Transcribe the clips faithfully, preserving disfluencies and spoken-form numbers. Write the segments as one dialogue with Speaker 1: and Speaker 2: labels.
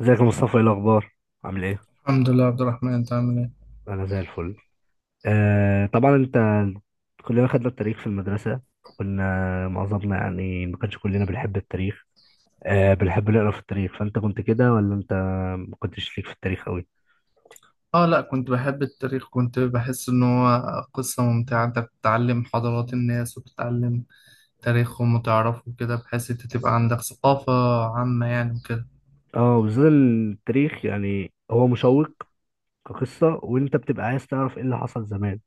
Speaker 1: ازيك يا مصطفى، ايه الاخبار؟ عامل ايه؟
Speaker 2: الحمد لله عبد الرحمن، انت عامل ايه؟
Speaker 1: انا زي الفل. آه طبعا، انت كلنا خدنا التاريخ في المدرسه، وكنا معظمنا يعني ما كانش كلنا بنحب التاريخ. آه بنحب نقرا في التاريخ، فانت كنت كده ولا انت ما كنتش ليك في التاريخ قوي؟
Speaker 2: اه لا، كنت بحب التاريخ. كنت بحس ان هو قصة ممتعة. انت بتتعلم حضارات الناس وبتتعلم تاريخهم وتعرفه كده، بحيث انت تبقى عندك ثقافة عامة يعني وكده.
Speaker 1: اه، بالذات التاريخ يعني هو مشوق كقصه، وانت بتبقى عايز تعرف ايه اللي حصل زمان.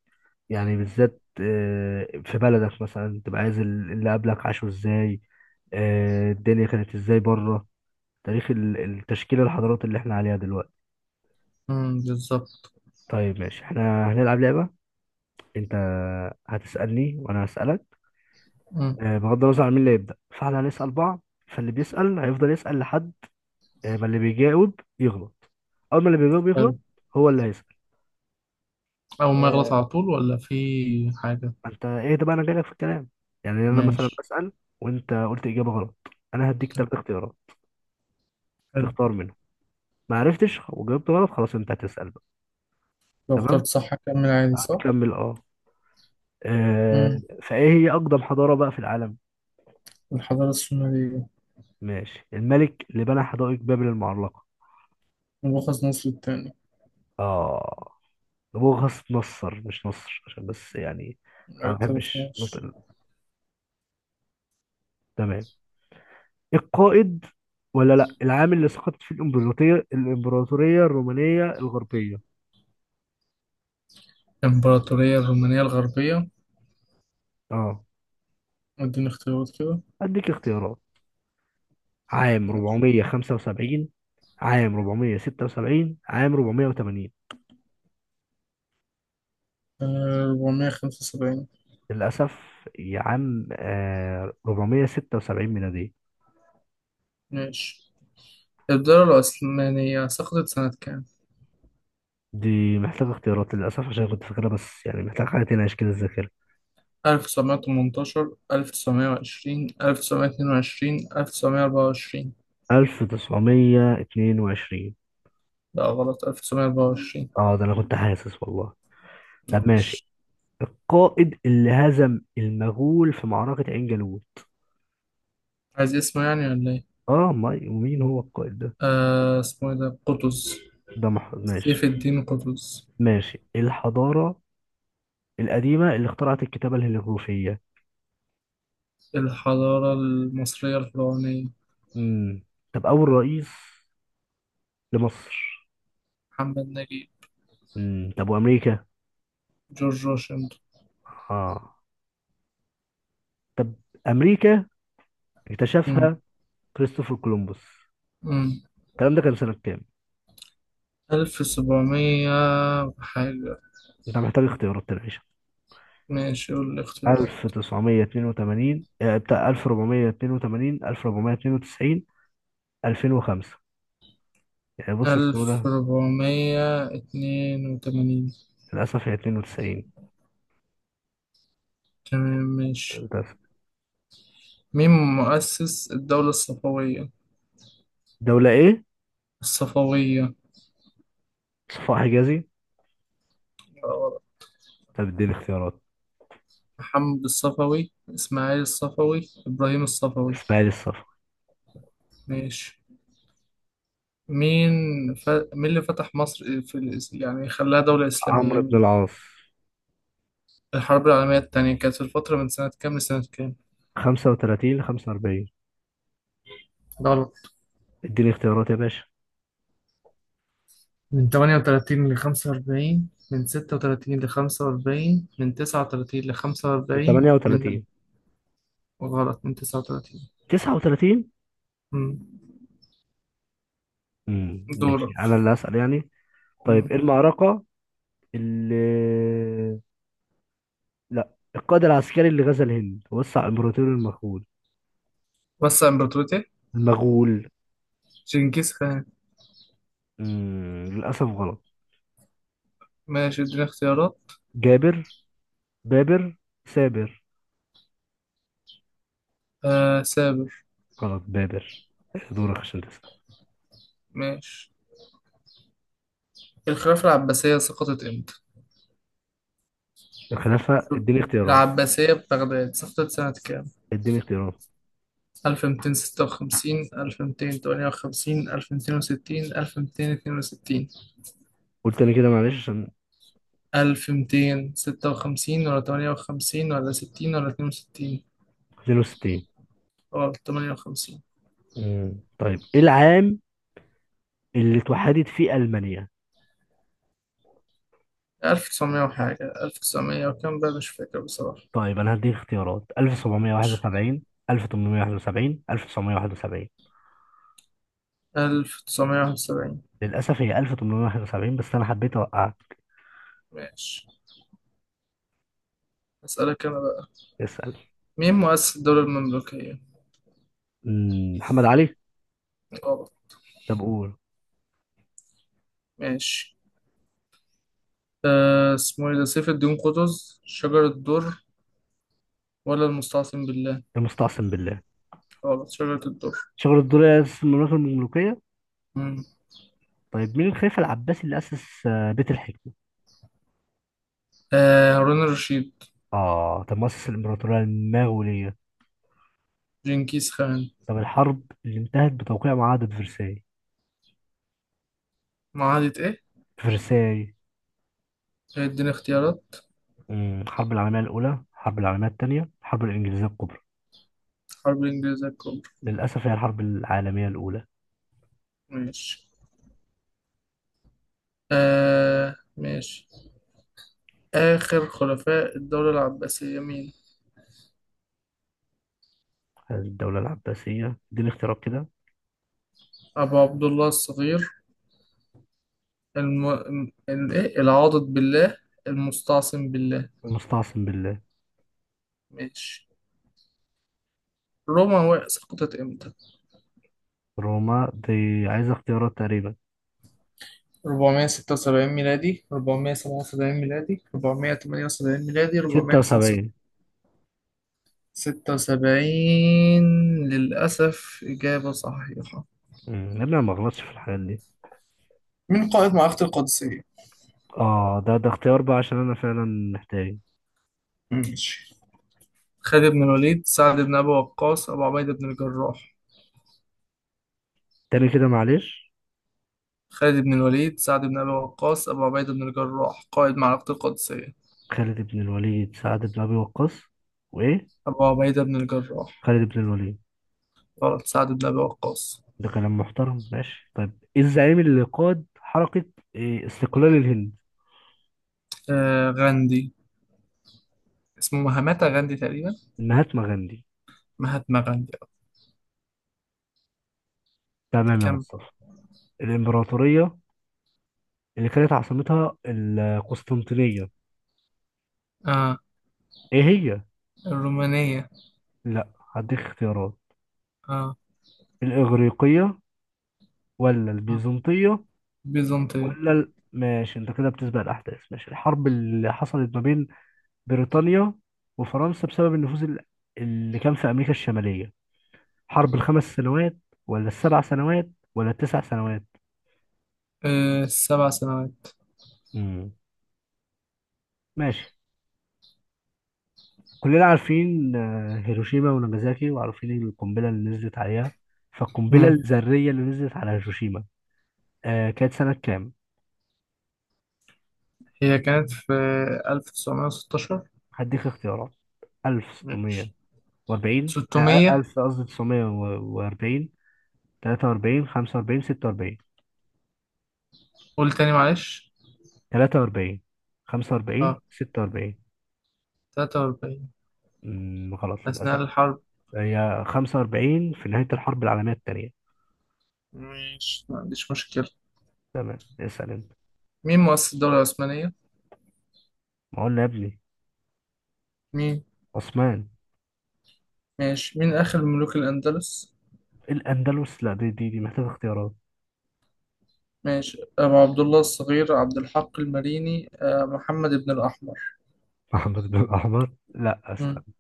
Speaker 1: يعني بالذات آه في بلدك مثلا، تبقى عايز اللي قبلك عاشوا ازاي، آه الدنيا كانت ازاي بره. تاريخ ال- التشكيلة، الحضارات اللي احنا عليها دلوقتي.
Speaker 2: امم بالظبط.
Speaker 1: طيب ماشي، احنا هنلعب لعبة. انت هتسألني وانا هسألك.
Speaker 2: امم.
Speaker 1: آه، بغض النظر عن مين اللي يبدأ، فاحنا هنسأل بعض. فاللي بيسأل هيفضل يسأل لحد آه، ما اللي بيجاوب يغلط. اول ما اللي بيجاوب يغلط،
Speaker 2: حلو.
Speaker 1: هو اللي هيسأل.
Speaker 2: اول ما
Speaker 1: آه،
Speaker 2: يغلط على طول ولا في حاجة؟
Speaker 1: انت ايه ده بقى، انا جايلك في الكلام. يعني انا مثلا
Speaker 2: ماشي.
Speaker 1: بسأل، وانت قلت إجابة غلط، انا هديك
Speaker 2: طب
Speaker 1: ثلاث اختيارات
Speaker 2: حلو.
Speaker 1: تختار منهم. ما عرفتش وجاوبت غلط، خلاص انت هتسأل بقى.
Speaker 2: لو
Speaker 1: تمام،
Speaker 2: اخترت صح هكمل عادي صح؟
Speaker 1: هتكمل، اه. آه،
Speaker 2: امم.
Speaker 1: فايه هي اقدم حضارة بقى في العالم؟
Speaker 2: الحضارة السومرية.
Speaker 1: ماشي. الملك اللي بنى حدائق بابل المعلقة؟
Speaker 2: ملخص مصر التاني.
Speaker 1: اه، نبوخذ نصر، مش نصر عشان بس يعني
Speaker 2: ما
Speaker 1: انا ما بحبش
Speaker 2: اعترفناش.
Speaker 1: نطق- تمام. القائد ولا لا؟ العام اللي سقطت فيه الامبراطورية الامبراطورية الرومانية الغربية؟
Speaker 2: الإمبراطورية الرومانية الغربية.
Speaker 1: اه،
Speaker 2: اديني اختيارات كده.
Speaker 1: اديك اختيارات. عام أربعمية وخمسة وسبعين، عام أربعمية وستة وسبعين، عام أربعمية وتمانين.
Speaker 2: أربعمية خمسة وسبعين.
Speaker 1: للأسف. يا عم، آه أربعمية وستة وسبعين ميلادية.
Speaker 2: ماشي. الدولة العثمانية سقطت سنة كام؟
Speaker 1: دي محتاجة اختيارات للأسف، عشان كنت فاكرها، بس يعني محتاجة حاجة تنعش كده الذاكرة.
Speaker 2: ألف تسعمية تمنتاشر، ألف تسعمية وعشرين، ألف تسعمية اتنين وعشرين، ألف تسعمية أربعة وعشرين.
Speaker 1: ألف تسعمية واتنين وعشرين.
Speaker 2: لا، غلط. ألف تسعمية أربعة وعشرين.
Speaker 1: اه، ده أنا كنت حاسس والله. طب ماشي،
Speaker 2: ماشي.
Speaker 1: القائد اللي هزم المغول في معركة عين جالوت؟
Speaker 2: عايز اسمه يعني ولا إيه؟
Speaker 1: اه، ما ومين هو القائد ده؟
Speaker 2: آه اسمه إيه ده؟ قطز.
Speaker 1: ده مح...
Speaker 2: سيف
Speaker 1: ماشي.
Speaker 2: الدين قطز.
Speaker 1: ماشي، الحضارة القديمة اللي اخترعت الكتابة الهيروغليفية؟
Speaker 2: الحضارة المصرية الفرعونية.
Speaker 1: امم طب، أول رئيس لمصر؟
Speaker 2: محمد نجيب.
Speaker 1: امم طب، وأمريكا؟
Speaker 2: جورج واشنطن.
Speaker 1: اه. طب، أمريكا
Speaker 2: مم.
Speaker 1: اكتشفها كريستوفر كولومبوس،
Speaker 2: مم.
Speaker 1: الكلام ده كان سنة كام؟
Speaker 2: ألف سبعمية حاجة.
Speaker 1: أنت محتاج اختيارات تنعيشة.
Speaker 2: ماشي، قول الاختيارات.
Speaker 1: ألف تسعمية اتنين وتمانين، آه، بتاع ألف أربعمية اتنين وتمانين، ألف أربعمية اتنين وتسعين، ألفين وخمسة. يعني بص
Speaker 2: ألف
Speaker 1: السهولة.
Speaker 2: ربعمية اتنين وتمانين
Speaker 1: للأسف، هي اتنين وتسعين.
Speaker 2: تمام. ماشي.
Speaker 1: للأسف.
Speaker 2: مين مؤسس الدولة الصفوية؟
Speaker 1: دولة إيه؟
Speaker 2: الصفوية.
Speaker 1: صفاء حجازي.
Speaker 2: يبقى ورا.
Speaker 1: طب، اديني اختيارات.
Speaker 2: محمد الصفوي، إسماعيل الصفوي، إبراهيم الصفوي.
Speaker 1: إسماعيل الصفا.
Speaker 2: ماشي. مين ف... مين اللي فتح مصر في الإس... يعني خلاها دولة إسلامية
Speaker 1: عمرو بن
Speaker 2: مين؟
Speaker 1: العاص.
Speaker 2: الحرب العالمية التانية كانت في الفترة من سنة كام لسنة كام؟
Speaker 1: خمسة وتلاتين ل خمسة وأربعين.
Speaker 2: غلط.
Speaker 1: اديني اختيارات يا باشا.
Speaker 2: من تمانية وتلاتين ل خمسة وأربعين، من ستة وتلاتين ل خمسة وأربعين، من تسعة وتلاتين ل خمسة وأربعين، من.
Speaker 1: تمنية وتلاتين.
Speaker 2: غلط، من تسعة وتلاتين.
Speaker 1: تسعة وثلاثين.
Speaker 2: مم.
Speaker 1: امم ماشي،
Speaker 2: دورك.
Speaker 1: أنا اللي هسأل يعني. طيب
Speaker 2: مم.
Speaker 1: إيه المعركة اللي، لا، القائد العسكري اللي غزا الهند ووسع امبراطوره المغول؟
Speaker 2: وسع إمبراطوريته.
Speaker 1: المغول.
Speaker 2: جنكيز خان.
Speaker 1: مم. للاسف غلط.
Speaker 2: ماشي، اديني اختيارات.
Speaker 1: جابر، بابر، سابر.
Speaker 2: آه سابر.
Speaker 1: غلط، بابر. دورك عشان تسأل.
Speaker 2: ماشي. الخلافة العباسية سقطت امتى؟
Speaker 1: الخلافة،
Speaker 2: شوف،
Speaker 1: اديني اختيارات.
Speaker 2: العباسية ببغداد سقطت سنة كام؟
Speaker 1: اديني اختيارات.
Speaker 2: ألف ميتين ستة وخمسين، ألف ميتين تمنية وخمسين، ألف ميتين وستين، ألف ومئتين واثنين وستين.
Speaker 1: قلت انا كده، معلش عشان.
Speaker 2: ألف ميتين ستة وخمسين ولا تمنية وخمسين ولا ستين ولا اتنين وستين؟
Speaker 1: اتنين وستين.
Speaker 2: غلط، تمنية وخمسين.
Speaker 1: مم. طيب ايه العام اللي اتوحدت فيه المانيا؟
Speaker 2: ألف وتسعمية وحاجة، ألف وتسعمية وكام بقى، مش فاكر بصراحة.
Speaker 1: طيب انا هديك اختيارات.
Speaker 2: ماشي.
Speaker 1: ألف سبعمية وواحد وسبعين، ألف تمنمية وواحد وسبعين، ألف تسعمية وواحد وسبعين.
Speaker 2: ألف وتسعمئة وواحد وسبعين.
Speaker 1: للاسف هي ألف تمنمية وواحد وسبعين، بس انا حبيت اوقعك.
Speaker 2: ماشي، أسألك أنا بقى.
Speaker 1: اسال.
Speaker 2: مين مؤسس الدولة المملوكية؟
Speaker 1: مم، محمد علي.
Speaker 2: طبعا.
Speaker 1: طب قول.
Speaker 2: ماشي. أه اسمه إيه ده، سيف الدين قطز، شجرة الدر ولا المستعصم بالله؟
Speaker 1: المستعصم بالله.
Speaker 2: غلط، شجرة الدر.
Speaker 1: شجر الدر أسس المملكة المملوكية.
Speaker 2: مم.
Speaker 1: طيب، مين الخليفة العباسي اللي أسس آه، بيت الحكمة؟
Speaker 2: أه هارون الرشيد.
Speaker 1: آه، طب مؤسس الإمبراطورية المغولية.
Speaker 2: جنكيز خان.
Speaker 1: طب، الحرب اللي انتهت بتوقيع معاهدة فرساي.
Speaker 2: معاهدة إيه؟
Speaker 1: فرساي.
Speaker 2: اديني اختيارات.
Speaker 1: مم، الحرب العالمية الأولى، الحرب العالمية الثانية، الحرب الإنجليزية الكبرى.
Speaker 2: حرب الإنجليزية الكبرى.
Speaker 1: للأسف هي الحرب العالمية الأولى.
Speaker 2: ماشي. أه ماشي. آخر خلفاء الدولة العباسية مين؟
Speaker 1: الدولة العباسية، دي الاختيارات كده.
Speaker 2: أبو عبد الله الصغير، الم... ال... إيه؟ العاضد بالله، المستعصم بالله.
Speaker 1: المستعصم بالله.
Speaker 2: ماشي. روما و- سقطت امتى؟
Speaker 1: روما دي عايزة اختيارات تقريبا.
Speaker 2: أربعمئة وستة وسبعين ميلادي، أربعمية سبعة وسبعين ميلادي، أربعمئة وثمانية وسبعين ميلادي.
Speaker 1: ستة وسبعين.
Speaker 2: أربعمئة وستة وسبعين. للأسف، إجابة صحيحة.
Speaker 1: امم يا ابني، أنا ما غلطش في الحاجات دي.
Speaker 2: من قائد معركة القادسية؟
Speaker 1: اه، ده ده اختيار بقى عشان انا فعلا محتاج.
Speaker 2: ماشي. خالد بن الوليد، سعد بن أبي وقاص، أبو عبيدة بن الجراح.
Speaker 1: تاني كده معلش.
Speaker 2: خالد بن الوليد، سعد بن أبي وقاص، أبو عبيدة بن الجراح قائد معركة القادسية.
Speaker 1: خالد بن الوليد، سعد بن أبي وقاص، وإيه؟
Speaker 2: أبو عبيدة بن الجراح.
Speaker 1: خالد بن الوليد.
Speaker 2: غلط، سعد بن أبي وقاص.
Speaker 1: ده كلام محترم. ماشي، طيب إيه الزعيم اللي قاد حركة إيه، استقلال الهند؟
Speaker 2: آه غاندي. اسمه مهاماتا غاندي تقريبا.
Speaker 1: مهاتما غاندي.
Speaker 2: مهاتما غاندي. آه.
Speaker 1: تمام يا
Speaker 2: كم.
Speaker 1: مصطفى. الإمبراطورية اللي كانت عاصمتها القسطنطينية،
Speaker 2: آه.
Speaker 1: إيه هي؟
Speaker 2: الرومانية.
Speaker 1: لأ. هديك اختيارات.
Speaker 2: آه,
Speaker 1: الإغريقية، ولا
Speaker 2: آه.
Speaker 1: البيزنطية؟
Speaker 2: بيزنطية.
Speaker 1: ولا ال... ماشي، أنت كده بتسبق الأحداث. ماشي، الحرب اللي حصلت ما بين بريطانيا وفرنسا بسبب النفوذ ال- اللي كان في أمريكا الشمالية. حرب الخمس سنوات، ولا السبع سنوات، ولا التسع سنوات؟
Speaker 2: آه سبع سنوات.
Speaker 1: امم ماشي. كلنا عارفين آه، هيروشيما وناجازاكي، وعارفين القنبلة اللي نزلت عليها. فالقنبلة
Speaker 2: مم.
Speaker 1: الذرية اللي نزلت على هيروشيما، آه، كانت سنة كام؟
Speaker 2: هي كانت في ألف تسعمية ستاشر.
Speaker 1: هديك اختيارات.
Speaker 2: ماشي.
Speaker 1: ألف ستمية وأربعين، آه،
Speaker 2: ستمئة.
Speaker 1: ألف، قصدي تسعمية وأربعين، تلاتة وأربعين، خمسة وأربعين، ستة وأربعين.
Speaker 2: قول تاني معلش.
Speaker 1: تلاتة وأربعين، خمسة وأربعين،
Speaker 2: اه
Speaker 1: ستة وأربعين.
Speaker 2: تلاتة وأربعين.
Speaker 1: امم غلط للأسف.
Speaker 2: أثناء الحرب.
Speaker 1: هي خمسة وأربعين، في نهاية الحرب العالمية التانية.
Speaker 2: ماشي، ما عنديش مشكلة.
Speaker 1: تمام، اسأل انت.
Speaker 2: مين مؤسس الدولة العثمانية؟
Speaker 1: ما قلنا يا ابني،
Speaker 2: مين؟
Speaker 1: عثمان.
Speaker 2: ماشي. مين آخر ملوك الأندلس؟
Speaker 1: الأندلس، لا، دي دي, دي محتاجة اختيارات.
Speaker 2: ماشي. أبو عبد الله الصغير، عبد الحق المريني، آه، محمد بن الأحمر.
Speaker 1: محمد بن الأحمر، لا
Speaker 2: مم.
Speaker 1: استنى،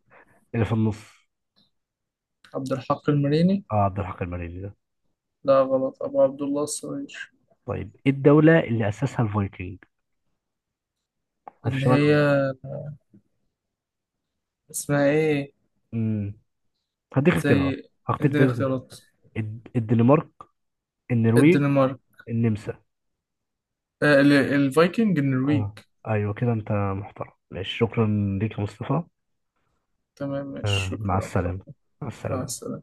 Speaker 1: اللي في النص.
Speaker 2: عبد الحق المريني.
Speaker 1: اه، عبد الحق المريني ده.
Speaker 2: لا، غلط. أبو عبد الله الصغير.
Speaker 1: طيب، ايه الدولة اللي أسسها الفايكنج؟ هل في
Speaker 2: اللي
Speaker 1: شمال؟
Speaker 2: هي اسمها إيه.
Speaker 1: امم هديك اختيارات.
Speaker 2: زي.
Speaker 1: هختار
Speaker 2: اديني
Speaker 1: ده.
Speaker 2: اختيارات.
Speaker 1: الد- الدنمارك، النرويج،
Speaker 2: الدنمارك.
Speaker 1: النمسا.
Speaker 2: آه، ال- الفايكنج النرويج.
Speaker 1: اه، ايوه كده، انت محترم. ماشي، شكرا ليك يا مصطفى.
Speaker 2: تمام، ماشي.
Speaker 1: آه.
Speaker 2: شكرا
Speaker 1: مع
Speaker 2: يا عبد
Speaker 1: السلامة.
Speaker 2: الرحمن.
Speaker 1: مع
Speaker 2: مع
Speaker 1: السلامة.
Speaker 2: السلامة.